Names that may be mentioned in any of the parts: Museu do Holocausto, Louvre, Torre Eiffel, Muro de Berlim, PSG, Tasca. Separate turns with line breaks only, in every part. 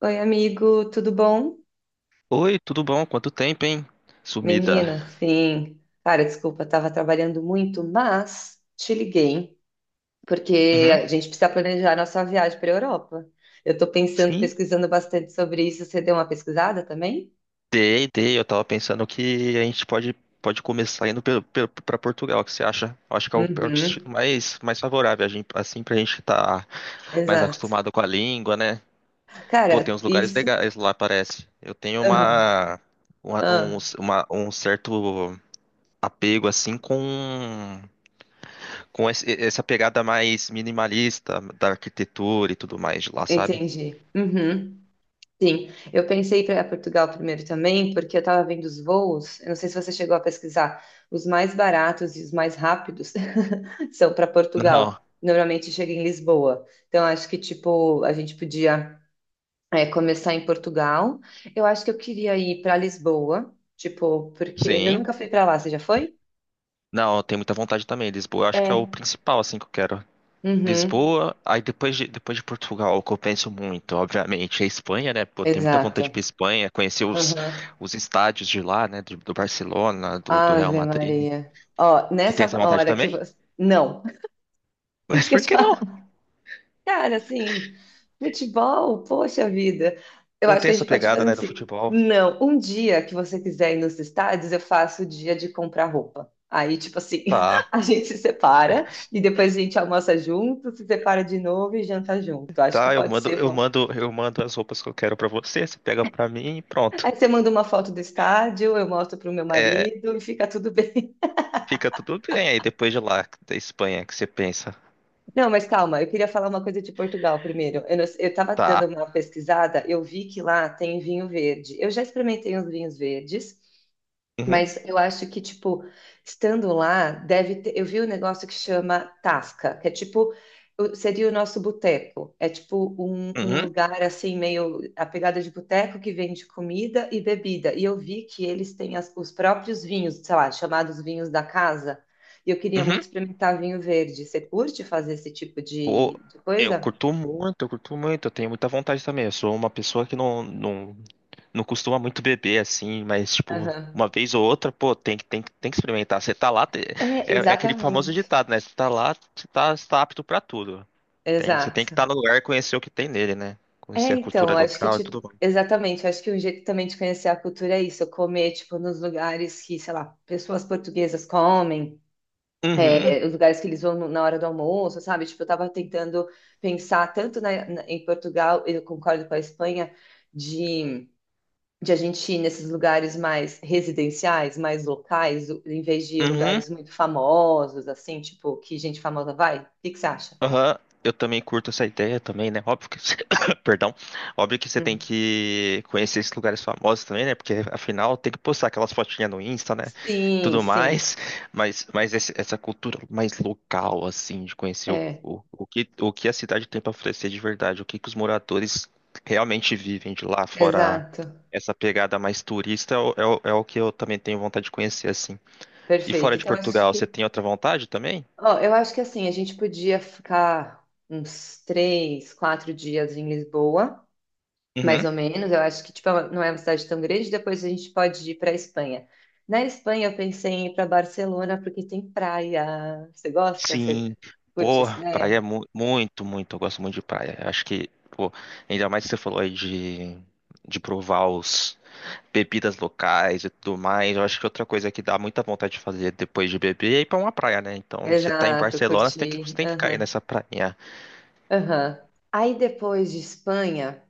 Oi, amigo, tudo bom?
Oi, tudo bom? Quanto tempo, hein? Sumida.
Menina, sim. Cara, desculpa, estava trabalhando muito, mas te liguei porque
Uhum.
a gente precisa planejar nossa viagem para a Europa. Eu estou pensando,
Sim,
pesquisando bastante sobre isso. Você deu uma pesquisada também?
dei. Eu tava pensando que pode começar indo pra Portugal. O que você acha? Eu acho que é o
Uhum,
destino mais favorável, a gente, assim, pra gente estar mais
exato.
acostumado com a língua, né? Pô, tem
Cara,
uns lugares
isso.
legais lá, parece. Eu tenho
Aham,
uma- um,
ah,
uma- Um certo apego, assim, com essa pegada mais minimalista da arquitetura e tudo mais de lá, sabe?
entendi. Uhum. Sim, eu pensei para Portugal primeiro também, porque eu estava vendo os voos. Eu não sei se você chegou a pesquisar. Os mais baratos e os mais rápidos são para
Não.
Portugal. Normalmente chega em Lisboa. Então acho que tipo a gente podia é, começar em Portugal. Eu acho que eu queria ir para Lisboa, tipo porque eu
Sim.
nunca fui para lá. Você já foi?
Não, eu tenho muita vontade também. Lisboa, eu acho que é o
É.
principal, assim, que eu quero.
Uhum.
Lisboa, aí depois de Portugal, o que eu penso muito, obviamente, é a Espanha, né? Pô, tenho muita vontade de ir pra
Exato.
Espanha,
Uhum.
os estádios de lá, né? Do Barcelona, do Real
Ave
Madrid.
Maria. Ó,
Você tem
nessa
essa vontade
hora que
também?
você... Não,
Mas
isso que eu
por
te
que não?
falo. Cara, assim, futebol, poxa vida. Eu
Não
acho
tem
que a
essa
gente pode
pegada,
fazer
né, do
assim.
futebol.
Não, um dia que você quiser ir nos estádios, eu faço o dia de comprar roupa. Aí, tipo assim,
Tá,
a gente se separa e depois a gente almoça junto, se separa de novo e janta junto. Acho que
tá,
pode ser bom.
eu mando as roupas que eu quero pra você, você pega pra mim e pronto.
Aí você manda uma foto do estádio, eu mostro pro meu
É,
marido e fica tudo bem.
fica tudo bem aí depois de lá, da Espanha, que você pensa.
Não, mas calma, eu queria falar uma coisa de Portugal primeiro. Eu, não- eu tava dando
Tá.
uma pesquisada, eu vi que lá tem vinho verde. Eu já experimentei uns vinhos verdes.
Uhum,
Mas eu acho que, tipo, estando lá, deve ter. Eu vi um negócio que chama Tasca, que é tipo. Seria o nosso boteco. É tipo um
uhum,
lugar assim, meio a pegada de boteco que vende comida e bebida. E eu vi que eles têm os próprios vinhos, sei lá, chamados vinhos da casa. E eu queria muito
uhum.
experimentar vinho verde. Você curte fazer esse tipo
Pô,
de coisa?
eu curto muito, eu tenho muita vontade também. Eu sou uma pessoa que não costuma muito beber assim, mas tipo,
Aham.
uma vez ou outra, pô, tem que experimentar. Você tá lá,
É,
é, é aquele famoso
exatamente.
ditado, né? Você tá lá, você tá apto pra tudo. Tem, você tem que
Exato.
estar no lugar e conhecer o que tem nele, né?
É,
Conhecer a
então,
cultura
eu acho que,
local e
tipo,
tudo mais.
exatamente, eu acho que um jeito também de conhecer a cultura é isso, comer, tipo, nos lugares que, sei lá, pessoas portuguesas comem,
Uhum,
é, os lugares que eles vão na hora do almoço, sabe? Tipo, eu tava tentando pensar tanto na, em Portugal, eu concordo com a Espanha, de, de a gente ir nesses lugares mais residenciais, mais locais, em vez de ir
uhum.
lugares muito famosos, assim, tipo, que gente famosa vai. O que que você acha?
Aham, eu também curto essa ideia também, né? Óbvio que, perdão, óbvio que você tem
Hum.
que conhecer esses lugares famosos também, né? Porque afinal tem que postar aquelas fotinhas no Insta, né? E
Sim,
tudo
sim,
mais, mas essa cultura mais local, assim, de conhecer
é,
o que a cidade tem para oferecer de verdade, o que que os moradores realmente vivem de lá, fora
exato.
essa pegada mais turista, é o que eu também tenho vontade de conhecer, assim. E fora
Perfeito.
de
Então, acho
Portugal, você
que,
tem outra vontade também?
ó, eu acho que assim, a gente podia ficar uns três, quatro dias em Lisboa, mais ou menos. Eu acho que, tipo, não é uma cidade tão grande. Depois a gente pode ir para a Espanha. Na Espanha, eu pensei em ir para Barcelona porque tem praia. Você gosta? Você
Sim,
curte
pô,
essa
praia é
ideia?
muito, muito. Eu gosto muito de praia. Acho que, pô, ainda mais que você falou aí de provar os bebidas locais e tudo mais. Eu acho que outra coisa que dá muita vontade de fazer depois de beber é ir pra uma praia, né? Então, você tá em
Exato,
Barcelona, você
curti.
tem que cair
Aham,
nessa prainha.
aham. Aí depois de Espanha.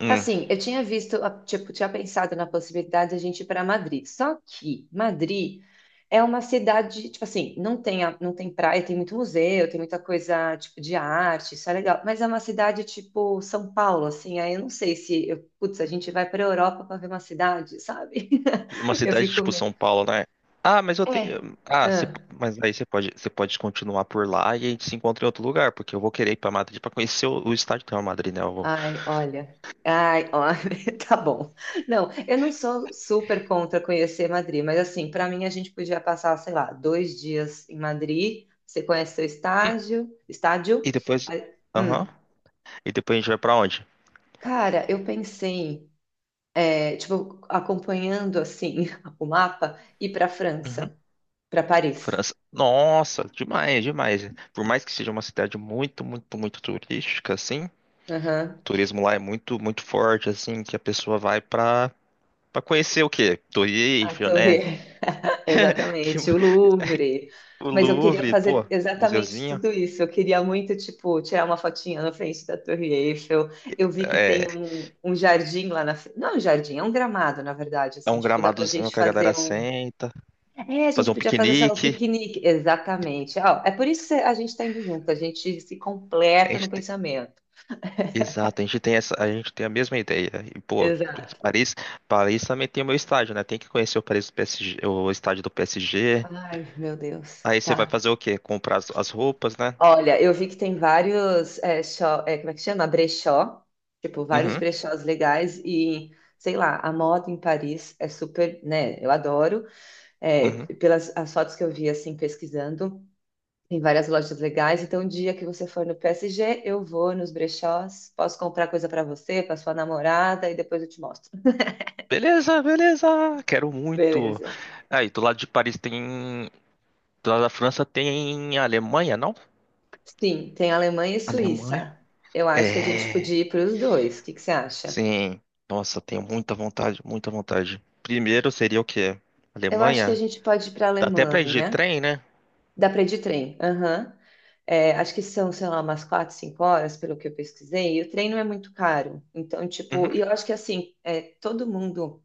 Hum,
Assim, eu tinha visto, tipo, tinha pensado na possibilidade de a gente ir para Madrid. Só que Madrid é uma cidade, tipo assim, não tem, não tem praia, tem muito museu, tem muita coisa, tipo, de arte, isso é legal. Mas é uma cidade, tipo, São Paulo, assim, aí eu não sei se, eu, putz, a gente vai para a Europa para ver uma cidade, sabe?
uma
Eu
cidade
fico
tipo
meio...
São Paulo, né? Ah, mas eu
É.
tenho. Ah,
Ah.
mas aí você pode continuar por lá e a gente se encontra em outro lugar, porque eu vou querer ir pra Madrid pra conhecer o estádio do Real Madrid, né?
Ai, olha. Ai, olha, tá bom. Não, eu não sou super contra conhecer Madrid, mas assim, para mim a gente podia passar, sei lá, dois dias em Madrid. Você conhece seu
Hum,
estágio, estádio?
e depois.
Ah,
Aham.
hum.
E depois a gente vai pra onde?
Cara, eu pensei, é, tipo, acompanhando assim o mapa, ir para
Uhum.
França, para Paris.
França. Nossa, demais, demais. Por mais que seja uma cidade muito turística, assim, o
Aham.
turismo lá é muito, muito forte, assim, que a pessoa vai pra conhecer o quê? Torre
A
Eiffel, né?
Torre.
Que-
Exatamente, o Louvre.
o
Mas eu queria
Louvre, pô,
fazer exatamente
museuzinho.
tudo isso. Eu queria muito, tipo, tirar uma fotinha na frente da Torre Eiffel. Eu vi que
É,
tem um jardim lá na frente. Não é um jardim, é um gramado, na verdade.
é
Assim,
um
tipo, dá pra
gramadozinho
gente
que a galera
fazer um.
senta,
É, a
fazer
gente
um
podia fazer, sei lá, um
piquenique.
piquenique. Exatamente. Ó, é por isso que a gente tá indo junto. A gente se completa no pensamento.
Exato, a gente tem essa, a gente tem a mesma ideia. E, pô,
Exato.
Paris, Paris também tem o meu estádio, né? Tem que conhecer o Paris do PSG, o estádio do PSG.
Ai, meu Deus.
Aí você vai
Tá.
fazer o quê? Comprar as roupas, né?
Olha, eu vi que tem vários, é, é, como é que chama? Brechó, tipo, vários
Uhum,
brechós legais e, sei lá, a moda em Paris é super, né, eu adoro, é,
uhum.
pelas as fotos que eu vi, assim, pesquisando, tem várias lojas legais, então, o dia que você for no PSG, eu vou nos brechós, posso comprar coisa para você, para sua namorada e depois eu te mostro.
Beleza, beleza. Quero muito.
Beleza.
Aí, do lado de Paris tem, do lado da França tem a Alemanha, não?
Sim, tem Alemanha e
Alemanha?
Suíça. Eu acho que a gente podia
É.
ir para os dois, o que que você acha?
Sim. Nossa, tenho muita vontade, muita vontade. Primeiro seria o quê?
Eu acho que a
Alemanha?
gente pode ir para a
Dá até pra ir de
Alemanha.
trem, né?
Dá para ir de trem. Aham. É, acho que são, sei lá, umas quatro, cinco horas, pelo que eu pesquisei, e o trem não é muito caro. Então, tipo,
Uhum,
e eu acho que assim, é, todo mundo,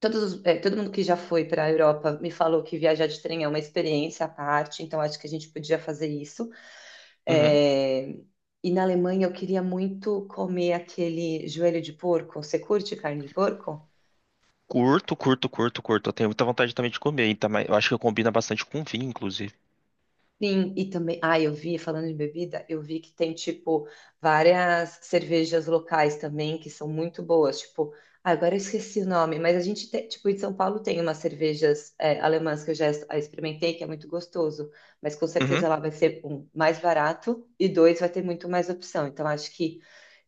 todos, é, todo mundo que já foi para a Europa me falou que viajar de trem é uma experiência à parte, então acho que a gente podia fazer isso.
uhum.
É, e na Alemanha eu queria muito comer aquele joelho de porco. Você curte carne de porco?
Curto. Eu tenho muita vontade também de comer, então, mas eu acho que combina bastante com vinho, inclusive.
Sim, e também, ah, eu vi, falando de bebida, eu vi que tem, tipo, várias cervejas locais também que são muito boas, tipo, ah, agora eu esqueci o nome, mas a gente tem, tipo, em São Paulo tem umas cervejas é, alemãs que eu já experimentei, que é muito gostoso, mas com
Uhum,
certeza lá vai ser, um, mais barato e dois, vai ter muito mais opção, então acho que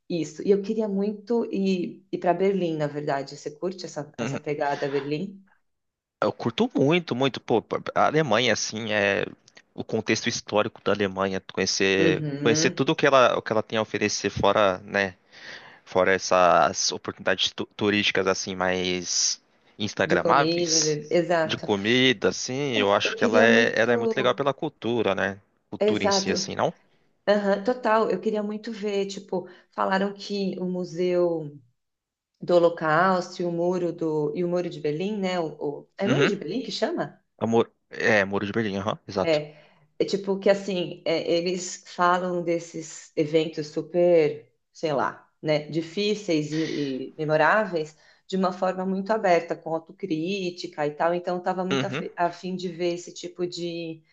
isso. E eu queria muito ir para Berlim, na verdade, você curte essa, essa
uhum.
pegada Berlim?
Eu curto muito, muito. Pô, a Alemanha, assim, é o contexto histórico da Alemanha, conhecer, conhecer
Uhum.
tudo o que ela tem a oferecer fora, né? Fora essas oportunidades turísticas, assim, mais
De comida,
instagramáveis de
exato.
comida, assim, eu
É,
acho
eu
que
queria
ela é muito legal
muito.
pela cultura, né? Cultura em si,
Exato.
assim, não?
Aham, total. Eu queria muito ver, tipo, falaram que o Museu do Holocausto e o Muro de Berlim, né? O, é Muro
Uhum.
de Berlim que chama?
Amor, é, Muro de Berlim, aham, exato.
É. É tipo que assim, é, eles falam desses eventos super, sei lá, né, difíceis e memoráveis de uma forma muito aberta, com autocrítica e tal. Então, eu estava muito a fim de ver esse tipo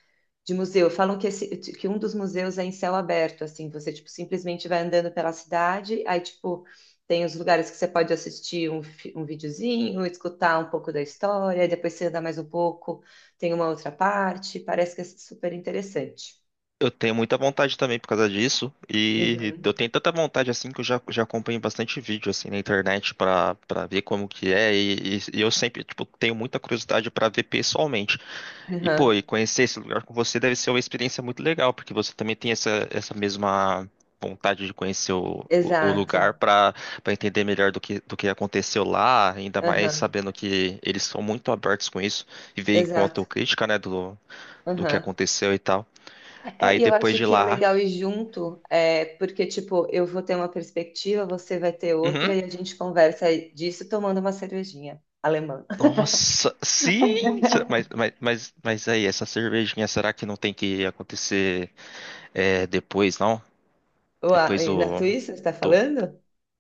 de museu. Falam que, esse, que um dos museus é em céu aberto, assim, você, tipo, simplesmente vai andando pela cidade, aí, tipo, tem os lugares que você pode assistir um, um videozinho, escutar um pouco da história, depois você anda mais um pouco, tem uma outra parte, parece que é super interessante.
Eu tenho muita vontade também por causa disso, e
Uhum.
eu tenho tanta vontade assim que já acompanho bastante vídeo assim na internet pra para ver como que é, e eu sempre, tipo, tenho muita curiosidade pra ver pessoalmente. E
Uhum.
pô, e conhecer esse lugar com você deve ser uma experiência muito legal, porque você também tem essa, essa mesma vontade de conhecer o
Exato.
lugar pra para entender melhor do que aconteceu lá, ainda mais
Aham.
sabendo que eles são muito abertos com isso e veem com
Exato.
autocrítica, né, do, do que
Aham.
aconteceu e tal.
É,
Aí
e eu
depois
acho
de
que é
lá.
legal ir junto, é, porque, tipo, eu vou ter uma perspectiva, você vai ter outra,
Uhum.
e a gente conversa disso tomando uma cervejinha alemã.
Nossa, sim! Mas, aí, essa cervejinha, será que não tem que acontecer é, depois, não?
Uau,
Depois
e na
do,
Suíça, você está
do-
falando?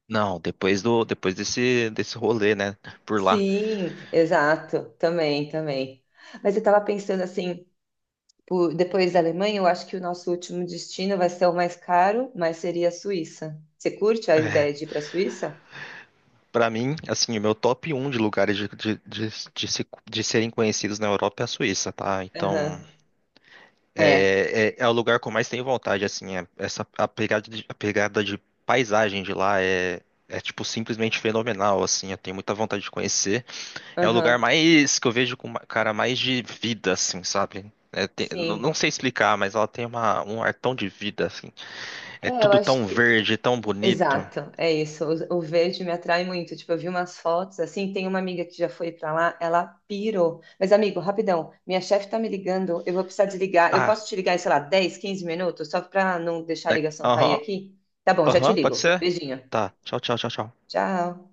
Não, depois desse rolê, né? Por lá.
Sim, exato, também, também. Mas eu estava pensando assim, depois da Alemanha, eu acho que o nosso último destino vai ser o mais caro, mas seria a Suíça. Você curte a
É,
ideia de ir para a Suíça?
pra mim, assim, o meu top um de lugares de de serem conhecidos na Europa é a Suíça, tá?
Aham,
Então,
é,
é o lugar que eu mais tenho vontade, assim. Essa, a pegada de paisagem de lá é, tipo, simplesmente fenomenal, assim. Eu tenho muita vontade de conhecer. É o
aham,
lugar mais que eu vejo com, cara, mais de vida, assim, sabe? Não,
sim.
não sei explicar, mas ela tem uma, um ar tão de vida, assim. É
É, eu
tudo
acho
tão
que.
verde, tão bonito.
Exato, é isso. O verde me atrai muito. Tipo, eu vi umas fotos assim. Tem uma amiga que já foi pra lá, ela pirou. Mas, amigo, rapidão, minha chefe tá me ligando. Eu vou precisar desligar. Eu
Ah,
posso te ligar em, sei lá, 10, 15 minutos, só pra não deixar a ligação cair
aham,
aqui? Tá bom, já te
aham, pode
ligo.
ser?
Beijinho.
Tá, tchau, tchau, tchau, tchau.
Tchau.